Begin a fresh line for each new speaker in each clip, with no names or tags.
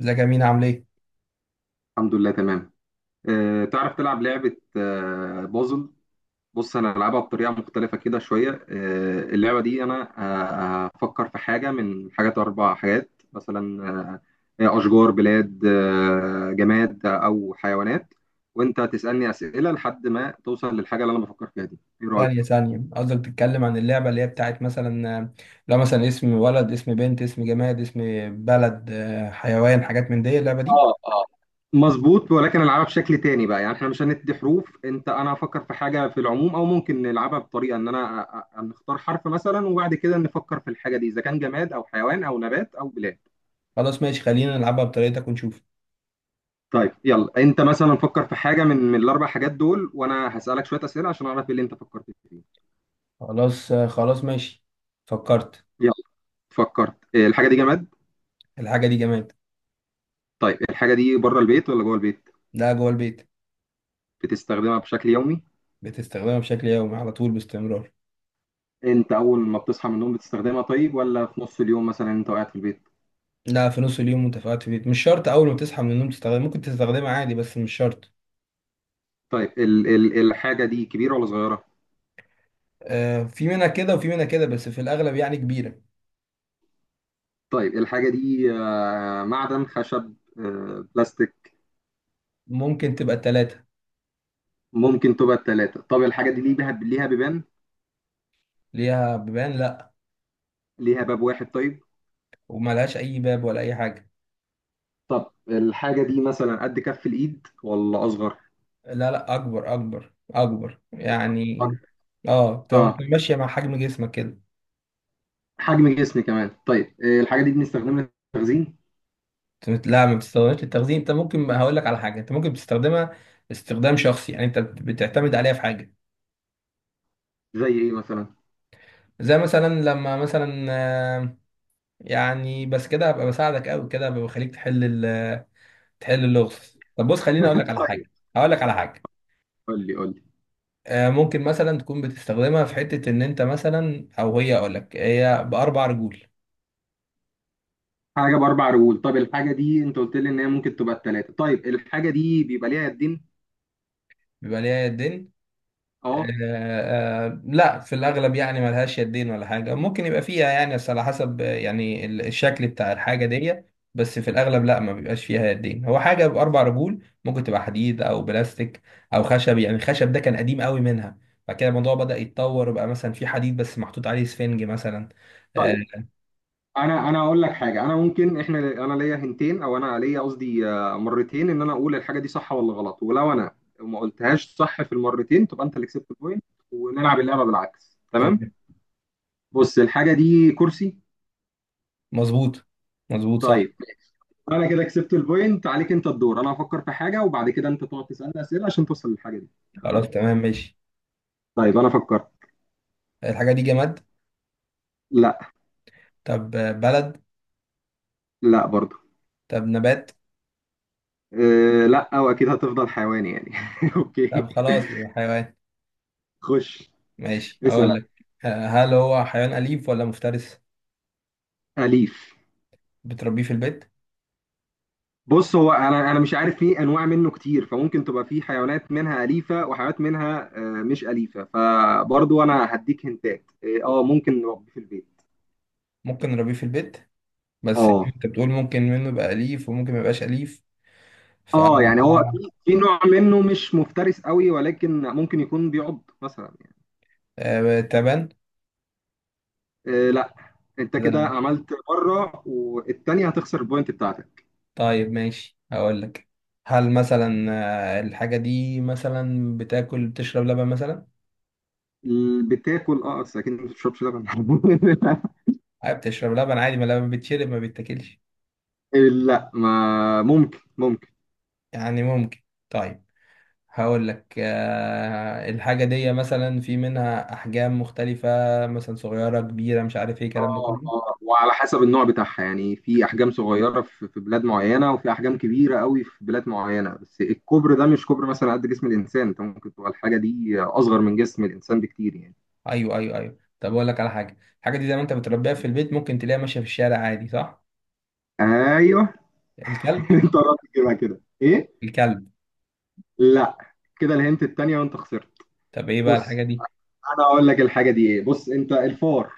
ازيك يا مين؟ عامل ايه؟
الحمد لله تمام. تعرف تلعب لعبة بازل؟ بص انا هلعبها بطريقة مختلفة كده شوية. اللعبة دي انا، هفكر في حاجة من حاجات اربع حاجات مثلا. هي اشجار، بلاد، جماد، او حيوانات. وانت تسألني اسئلة لحد ما توصل للحاجة اللي انا بفكر فيها دي. ايه رأيك؟
ثانية ثانية، قصدك بتتكلم عن اللعبة اللي هي بتاعت مثلا لو مثلا اسم ولد اسم بنت اسم جماد اسم بلد حيوان، حاجات من دي اللعبة دي.
اه، اه. مظبوط، ولكن العبها بشكل تاني بقى. يعني احنا مش هندي حروف، انت انا هفكر في حاجه في العموم، او ممكن نلعبها بطريقه ان انا نختار حرف مثلا، وبعد كده نفكر في الحاجه دي اذا كان جماد او حيوان او نبات او بلاد.
خلاص ماشي، خلينا نلعبها بطريقتك ونشوف.
طيب يلا، انت مثلا فكر في حاجه من الاربع حاجات دول، وانا هسالك شويه اسئله عشان اعرف ايه اللي انت فكرت فيه.
خلاص خلاص ماشي. فكرت.
يلا. فكرت إيه، الحاجه دي جماد؟
الحاجة دي جماد.
طيب الحاجه دي بره البيت ولا جوه البيت؟
لا جوه البيت.
بتستخدمها بشكل يومي؟
بتستخدمها بشكل يومي على طول باستمرار.
انت اول ما بتصحى من النوم بتستخدمها، طيب، ولا في نص اليوم مثلا انت قاعد في البيت؟
لا، في نص اليوم وانت قاعد في البيت، مش شرط اول ما تصحى من النوم تستخدمها، ممكن تستخدمها عادي بس مش شرط.
طيب ال الحاجة دي كبيرة ولا صغيرة؟
في منها كده وفي منها كده، بس في الاغلب يعني كبيرة.
طيب الحاجة دي معدن، خشب، بلاستيك؟
ممكن تبقى التلاتة.
ممكن تبقى التلاتة. طب الحاجة دي ليها بيبان؟
ليها بيبان، لا.
ليها باب واحد طيب؟
وملهاش اي باب ولا اي حاجه.
طب الحاجة دي مثلا قد كف الإيد ولا أصغر؟
لا لا، اكبر اكبر اكبر يعني.
أكبر.
اه، تبقى
اه.
ماشيه مع حجم جسمك كده.
حجم جسم كمان. طيب الحاجة دي بنستخدمها للتخزين؟
لا، ما بتستخدمهاش للتخزين. انت ممكن، هقول لك على حاجه، انت ممكن بتستخدمها استخدام شخصي، يعني انت بتعتمد عليها في حاجه.
زي إيه مثلا؟
زي مثلا لما مثلا يعني بس كده هبقى بساعدك قوي، كده هبقى بخليك تحل اللغز. طب بص، خليني اقول لك على
طيب.
حاجه، هقول لك على حاجه.
قول لي قول لي.
ممكن مثلا تكون بتستخدمها في حته ان انت مثلا، او هي اقول لك، هي باربع رجول.
حاجة بأربع رجول؟ طب الحاجة دي أنت قلت لي إن هي ممكن تبقى التلاتة، طيب الحاجة دي بيبقى ليها يدين؟
بيبقى ليها يدين؟
اه.
لا، في الأغلب يعني ملهاش يدين ولا حاجة. ممكن يبقى فيها يعني، بس على حسب يعني الشكل بتاع الحاجة دي. بس في الأغلب لا، ما بيبقاش فيها يدين. هو حاجة بأربع رجول، ممكن تبقى حديد أو بلاستيك أو خشب. يعني الخشب ده كان قديم قوي منها، بعد كده الموضوع بدأ يتطور بقى، مثلا في حديد بس محطوط عليه سفنج مثلا. آه،
طيب انا اقول لك حاجه. انا ممكن، احنا انا ليا هنتين، او انا ليا قصدي مرتين، ان انا اقول الحاجه دي صح ولا غلط. ولو انا ما قلتهاش صح في المرتين، تبقى انت اللي كسبت البوينت. ونلعب اللعبه بالعكس،
تمام.
تمام. بص الحاجه دي كرسي.
مظبوط، مظبوط صح.
طيب انا كده كسبت البوينت عليك. انت الدور. انا هفكر في حاجه، وبعد كده انت تقعد تسالني اسئله عشان توصل للحاجه دي.
خلاص
تمام.
تمام ماشي.
طيب انا فكرت.
الحاجة دي جماد.
لا.
طب بلد.
لا برضو.
طب نبات.
أه، لا، واكيد هتفضل حيواني يعني. اوكي.
طب خلاص، يبقى حيوان.
خش.
ماشي،
اسال.
اقول لك. هل هو حيوان اليف ولا مفترس؟
أليف.
بتربيه في البيت؟
بص هو انا مش عارف. في انواع منه كتير، فممكن تبقى في حيوانات منها اليفه وحيوانات منها مش اليفه. فبرضو انا هديك هنتات إيه، اه ممكن نربيه في البيت.
ممكن نربيه في البيت، بس
اه،
انت بتقول ممكن منه يبقى اليف وممكن ما يبقاش اليف. ف
اه. يعني هو في نوع منه مش مفترس قوي، ولكن ممكن يكون بيعض مثلا يعني.
تبان.
إيه، لا. انت كده
ده؟
عملت مره، والتانيه هتخسر البوينت بتاعتك.
طيب ماشي، اقول لك. هل مثلا الحاجة دي مثلا بتاكل، بتشرب لبن مثلا؟
بتاكل اه، بس اكيد ما بتشربش لبن.
أه، بتشرب لبن عادي، ما لبن بيتشرب ما بيتاكلش.
لا، ما ممكن، ممكن.
يعني ممكن. طيب هقول لك الحاجة دي مثلا في منها أحجام مختلفة، مثلا صغيرة كبيرة، مش عارف ايه الكلام ده
اه،
كله.
اه. وعلى حسب النوع بتاعها يعني، في احجام صغيره في بلاد معينه، وفي احجام كبيره قوي في بلاد معينه، بس الكوبر ده مش كوبر مثلا قد جسم الانسان. انت ممكن تبقى الحاجه دي اصغر من جسم الانسان بكتير يعني.
أيوه أيوه أيوه، طب أقول لك على حاجة، الحاجة دي زي ما أنت بتربيها في البيت، ممكن تلاقيها ماشية في الشارع عادي، صح؟
ايوه.
الكلب.
انت قربت تجيبها كده، ايه؟
الكلب.
لا. كده الهنت التانيه، وانت خسرت.
طب ايه بقى
بص
الحاجة دي؟
انا اقول لك الحاجه دي ايه. بص، انت الفار.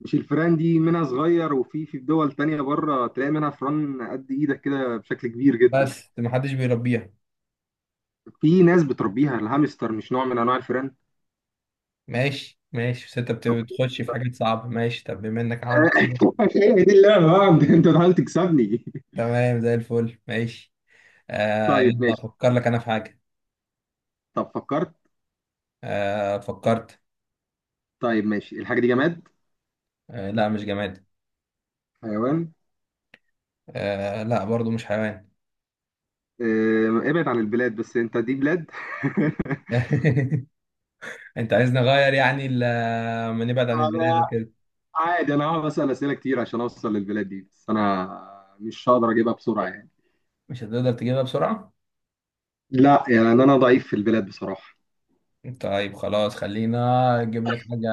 مش الفيران دي منها صغير، وفي في دول تانية بره تلاقي منها فران قد ايدك كده بشكل كبير جدا.
بس محدش بيربيها.
في ناس بتربيها. الهامستر مش نوع من انواع الفيران؟
ماشي ماشي، بس أنت بتخش في حاجات صعبة. ماشي، طب بما إنك عملت كده.
هي دي اللعبة بقى، انت بتحاول تكسبني.
تمام زي الفل، ماشي. آه
طيب
يلا،
ماشي.
أفكر لك أنا في حاجة.
طب فكرت.
آه، فكرت.
طيب ماشي. الحاجة دي جماد؟
لا، مش جماد.
حيوان؟
لا برضو، مش حيوان.
ابعد عن البلاد، بس انت دي بلاد.
انت عايز نغير يعني ما نبعد عن البلاد
انا.
وكده؟
عادي، انا هقعد اسال اسئله كتير عشان اوصل للبلاد دي، بس انا مش هقدر اجيبها بسرعه يعني.
مش هتقدر تجيبها بسرعة.
لا، يعني انا ضعيف في البلاد بصراحه.
طيب خلاص، خلينا اجيب لك حاجة،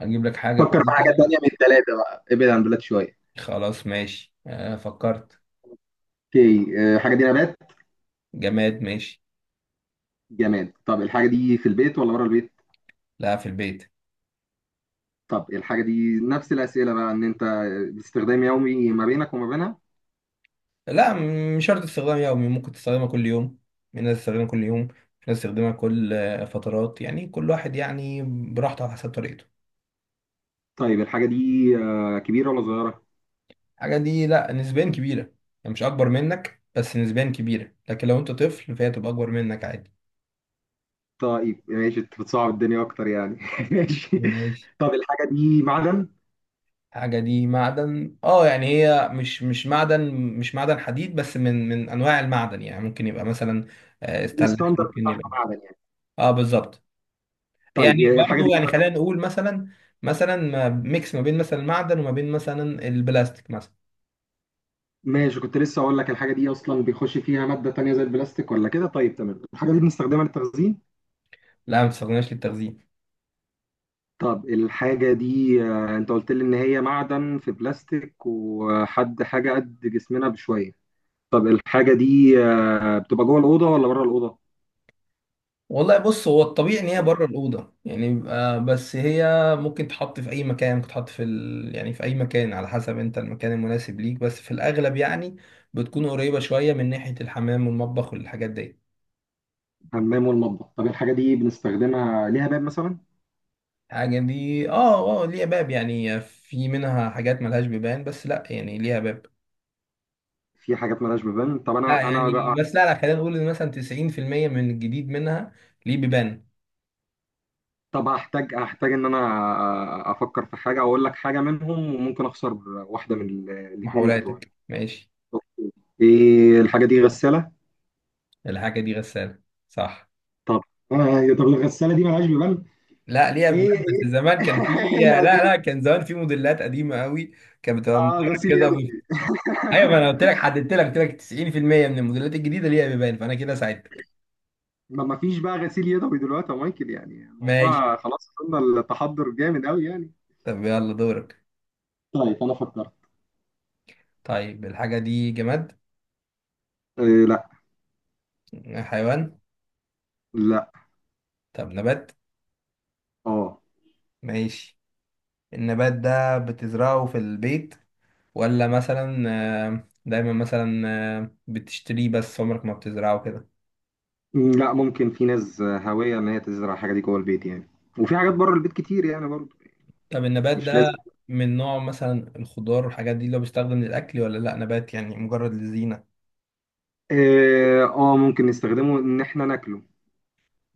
اجيب لك حاجة
فكر في حاجه
كويسة.
تانية من الثلاثه بقى، ابعد عن البلاد شويه.
خلاص ماشي. فكرت.
اوكي. الحاجه دي نبات؟
جماد، ماشي.
جماد. طب الحاجه دي في البيت ولا بره البيت؟
لا، في البيت.
طب الحاجه دي نفس الاسئله بقى، ان انت باستخدام يومي ما بينك وما بينها؟
لا مش شرط استخدام يومي، ممكن تستخدمها كل يوم. في ناس تستخدمها كل يوم، في ناس تستخدمها كل فترات، يعني كل واحد يعني براحته على حسب طريقته.
طيب الحاجة دي كبيرة ولا صغيرة؟
الحاجة دي لا، نسبيا كبيرة، يعني مش اكبر منك، بس نسبيا كبيرة. لكن لو انت طفل فهي تبقى اكبر منك عادي.
طيب ماشي، انت بتصعب الدنيا اكتر يعني. ماشي.
ماشي.
طب الحاجة دي معدن؟
الحاجة دي معدن، اه يعني هي مش معدن، مش معدن حديد، بس من انواع المعدن يعني. ممكن يبقى مثلا استانلس،
الستاندرد
ممكن
بتاعها
يبقى.
معدن يعني؟
اه بالظبط. يعني
طيب الحاجة
برضو
دي.
يعني خلينا نقول مثلا، مثلا ميكس ما بين مثلا المعدن وما بين مثلا البلاستيك مثلا.
ماشي، كنت لسه اقول لك الحاجة دي اصلا بيخش فيها مادة تانية زي البلاستيك ولا كده. طيب تمام. الحاجة دي بنستخدمها للتخزين؟
لا، ما بتستخدمهاش للتخزين.
طب الحاجة دي انت قلت لي ان هي معدن في بلاستيك، وحد حاجة قد جسمنا بشوية. طب الحاجة دي بتبقى جوه الأوضة ولا بره الأوضة؟
والله بص، هو الطبيعي ان هي بره الاوضه يعني، بيبقى بس هي ممكن تحط في اي مكان، ممكن تحط في يعني في اي مكان على حسب انت المكان المناسب ليك. بس في الاغلب يعني بتكون قريبه شويه من ناحيه الحمام والمطبخ والحاجات دي.
الحمام والمطبخ. طب الحاجة دي بنستخدمها، ليها باب مثلا؟
الحاجه دي، اه اه، ليها باب، يعني في منها حاجات ملهاش بيبان، بس لا يعني ليها باب.
في حاجات مالهاش ببان. طب
لا
انا
يعني،
انا
بس لا لا، خلينا نقول ان مثلا 90% من الجديد منها ليه بيبان.
طب هحتاج، هحتاج ان انا افكر في حاجه واقول لك حاجه منهم، وممكن اخسر واحده من الاتنين بتوعي.
محاولاتك ماشي.
ايه الحاجه دي؟ غساله؟
الحاجه دي غساله. صح.
طب. إيه، طب الغساله دي مالهاش ببان؟
لا، ليها
ايه،
بيبان،
ايه.
بس زمان كان في،
ايه
لا
القديم.
لا، كان زمان في موديلات قديمه قوي، كانت بتبقى مدورة
اه، غسيل
كده و...
يدوي.
ايوه، ما انا قلت لك، حددت لك، قلت لك 90% من الموديلات الجديده ليها بيبان، فانا كده ساعدتك.
ما فيش بقى غسيل يدوي دلوقتي يا مايكل. يعني
ماشي.
الموضوع خلاص، وصلنا التحضر جامد قوي يعني.
طب يلا دورك.
طيب انا فكرت.
طيب الحاجه دي جماد.
إيه لا.
حيوان.
لا.
طب نبات.
اه.
ماشي، النبات ده بتزرعه في البيت ولا مثلا دايما مثلا بتشتريه بس عمرك ما بتزرعه كده؟
لا، ممكن في ناس هاوية إن هي تزرع الحاجة دي جوه البيت يعني. وفي حاجات بره البيت كتير يعني برضه.
طب النبات
مش
ده
لازم.
من نوع مثلا الخضار والحاجات دي اللي هو بيستخدم للأكل، ولا لأ، نبات يعني مجرد للزينة؟
ممكن نستخدمه إن إحنا ناكله.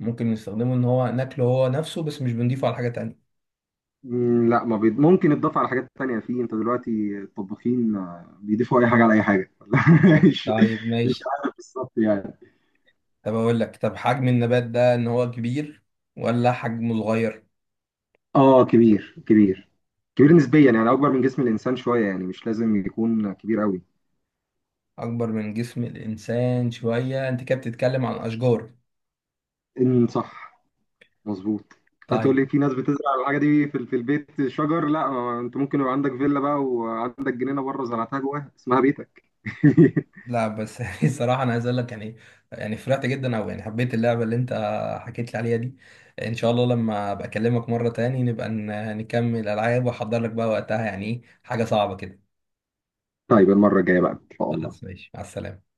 ممكن نستخدمه إن هو ناكله هو نفسه، بس مش بنضيفه على حاجة تانية.
لا، ما ممكن يتضاف على حاجات تانية. في أنت دلوقتي الطباخين بيضيفوا أي حاجة على أي حاجة. مش
طيب
مش
ماشي.
عارف بالظبط يعني.
طب أقول لك، طب حجم النبات ده إن هو كبير ولا حجمه صغير؟
كبير، كبير. كبير نسبيا يعني، أكبر من جسم الإنسان شوية يعني، مش لازم يكون كبير قوي.
أكبر من جسم الإنسان شوية؟ أنت كده بتتكلم عن أشجار.
إن صح. مظبوط. هتقول
طيب.
لي في ناس بتزرع الحاجه دي في البيت شجر. لا، ما انت ممكن يبقى عندك فيلا بقى، وعندك جنينه بره زرعتها جواها اسمها بيتك.
لا بس يعني صراحة أنا عايز أقول لك يعني، يعني فرحت جدا، أو يعني حبيت اللعبة اللي أنت حكيت لي عليها دي. إن شاء الله لما أبقى أكلمك مرة تاني نبقى نكمل ألعاب، وأحضر لك بقى وقتها يعني إيه حاجة صعبة كده.
طيب المره الجايه بقى ان شاء الله.
خلاص ماشي، مع السلامة.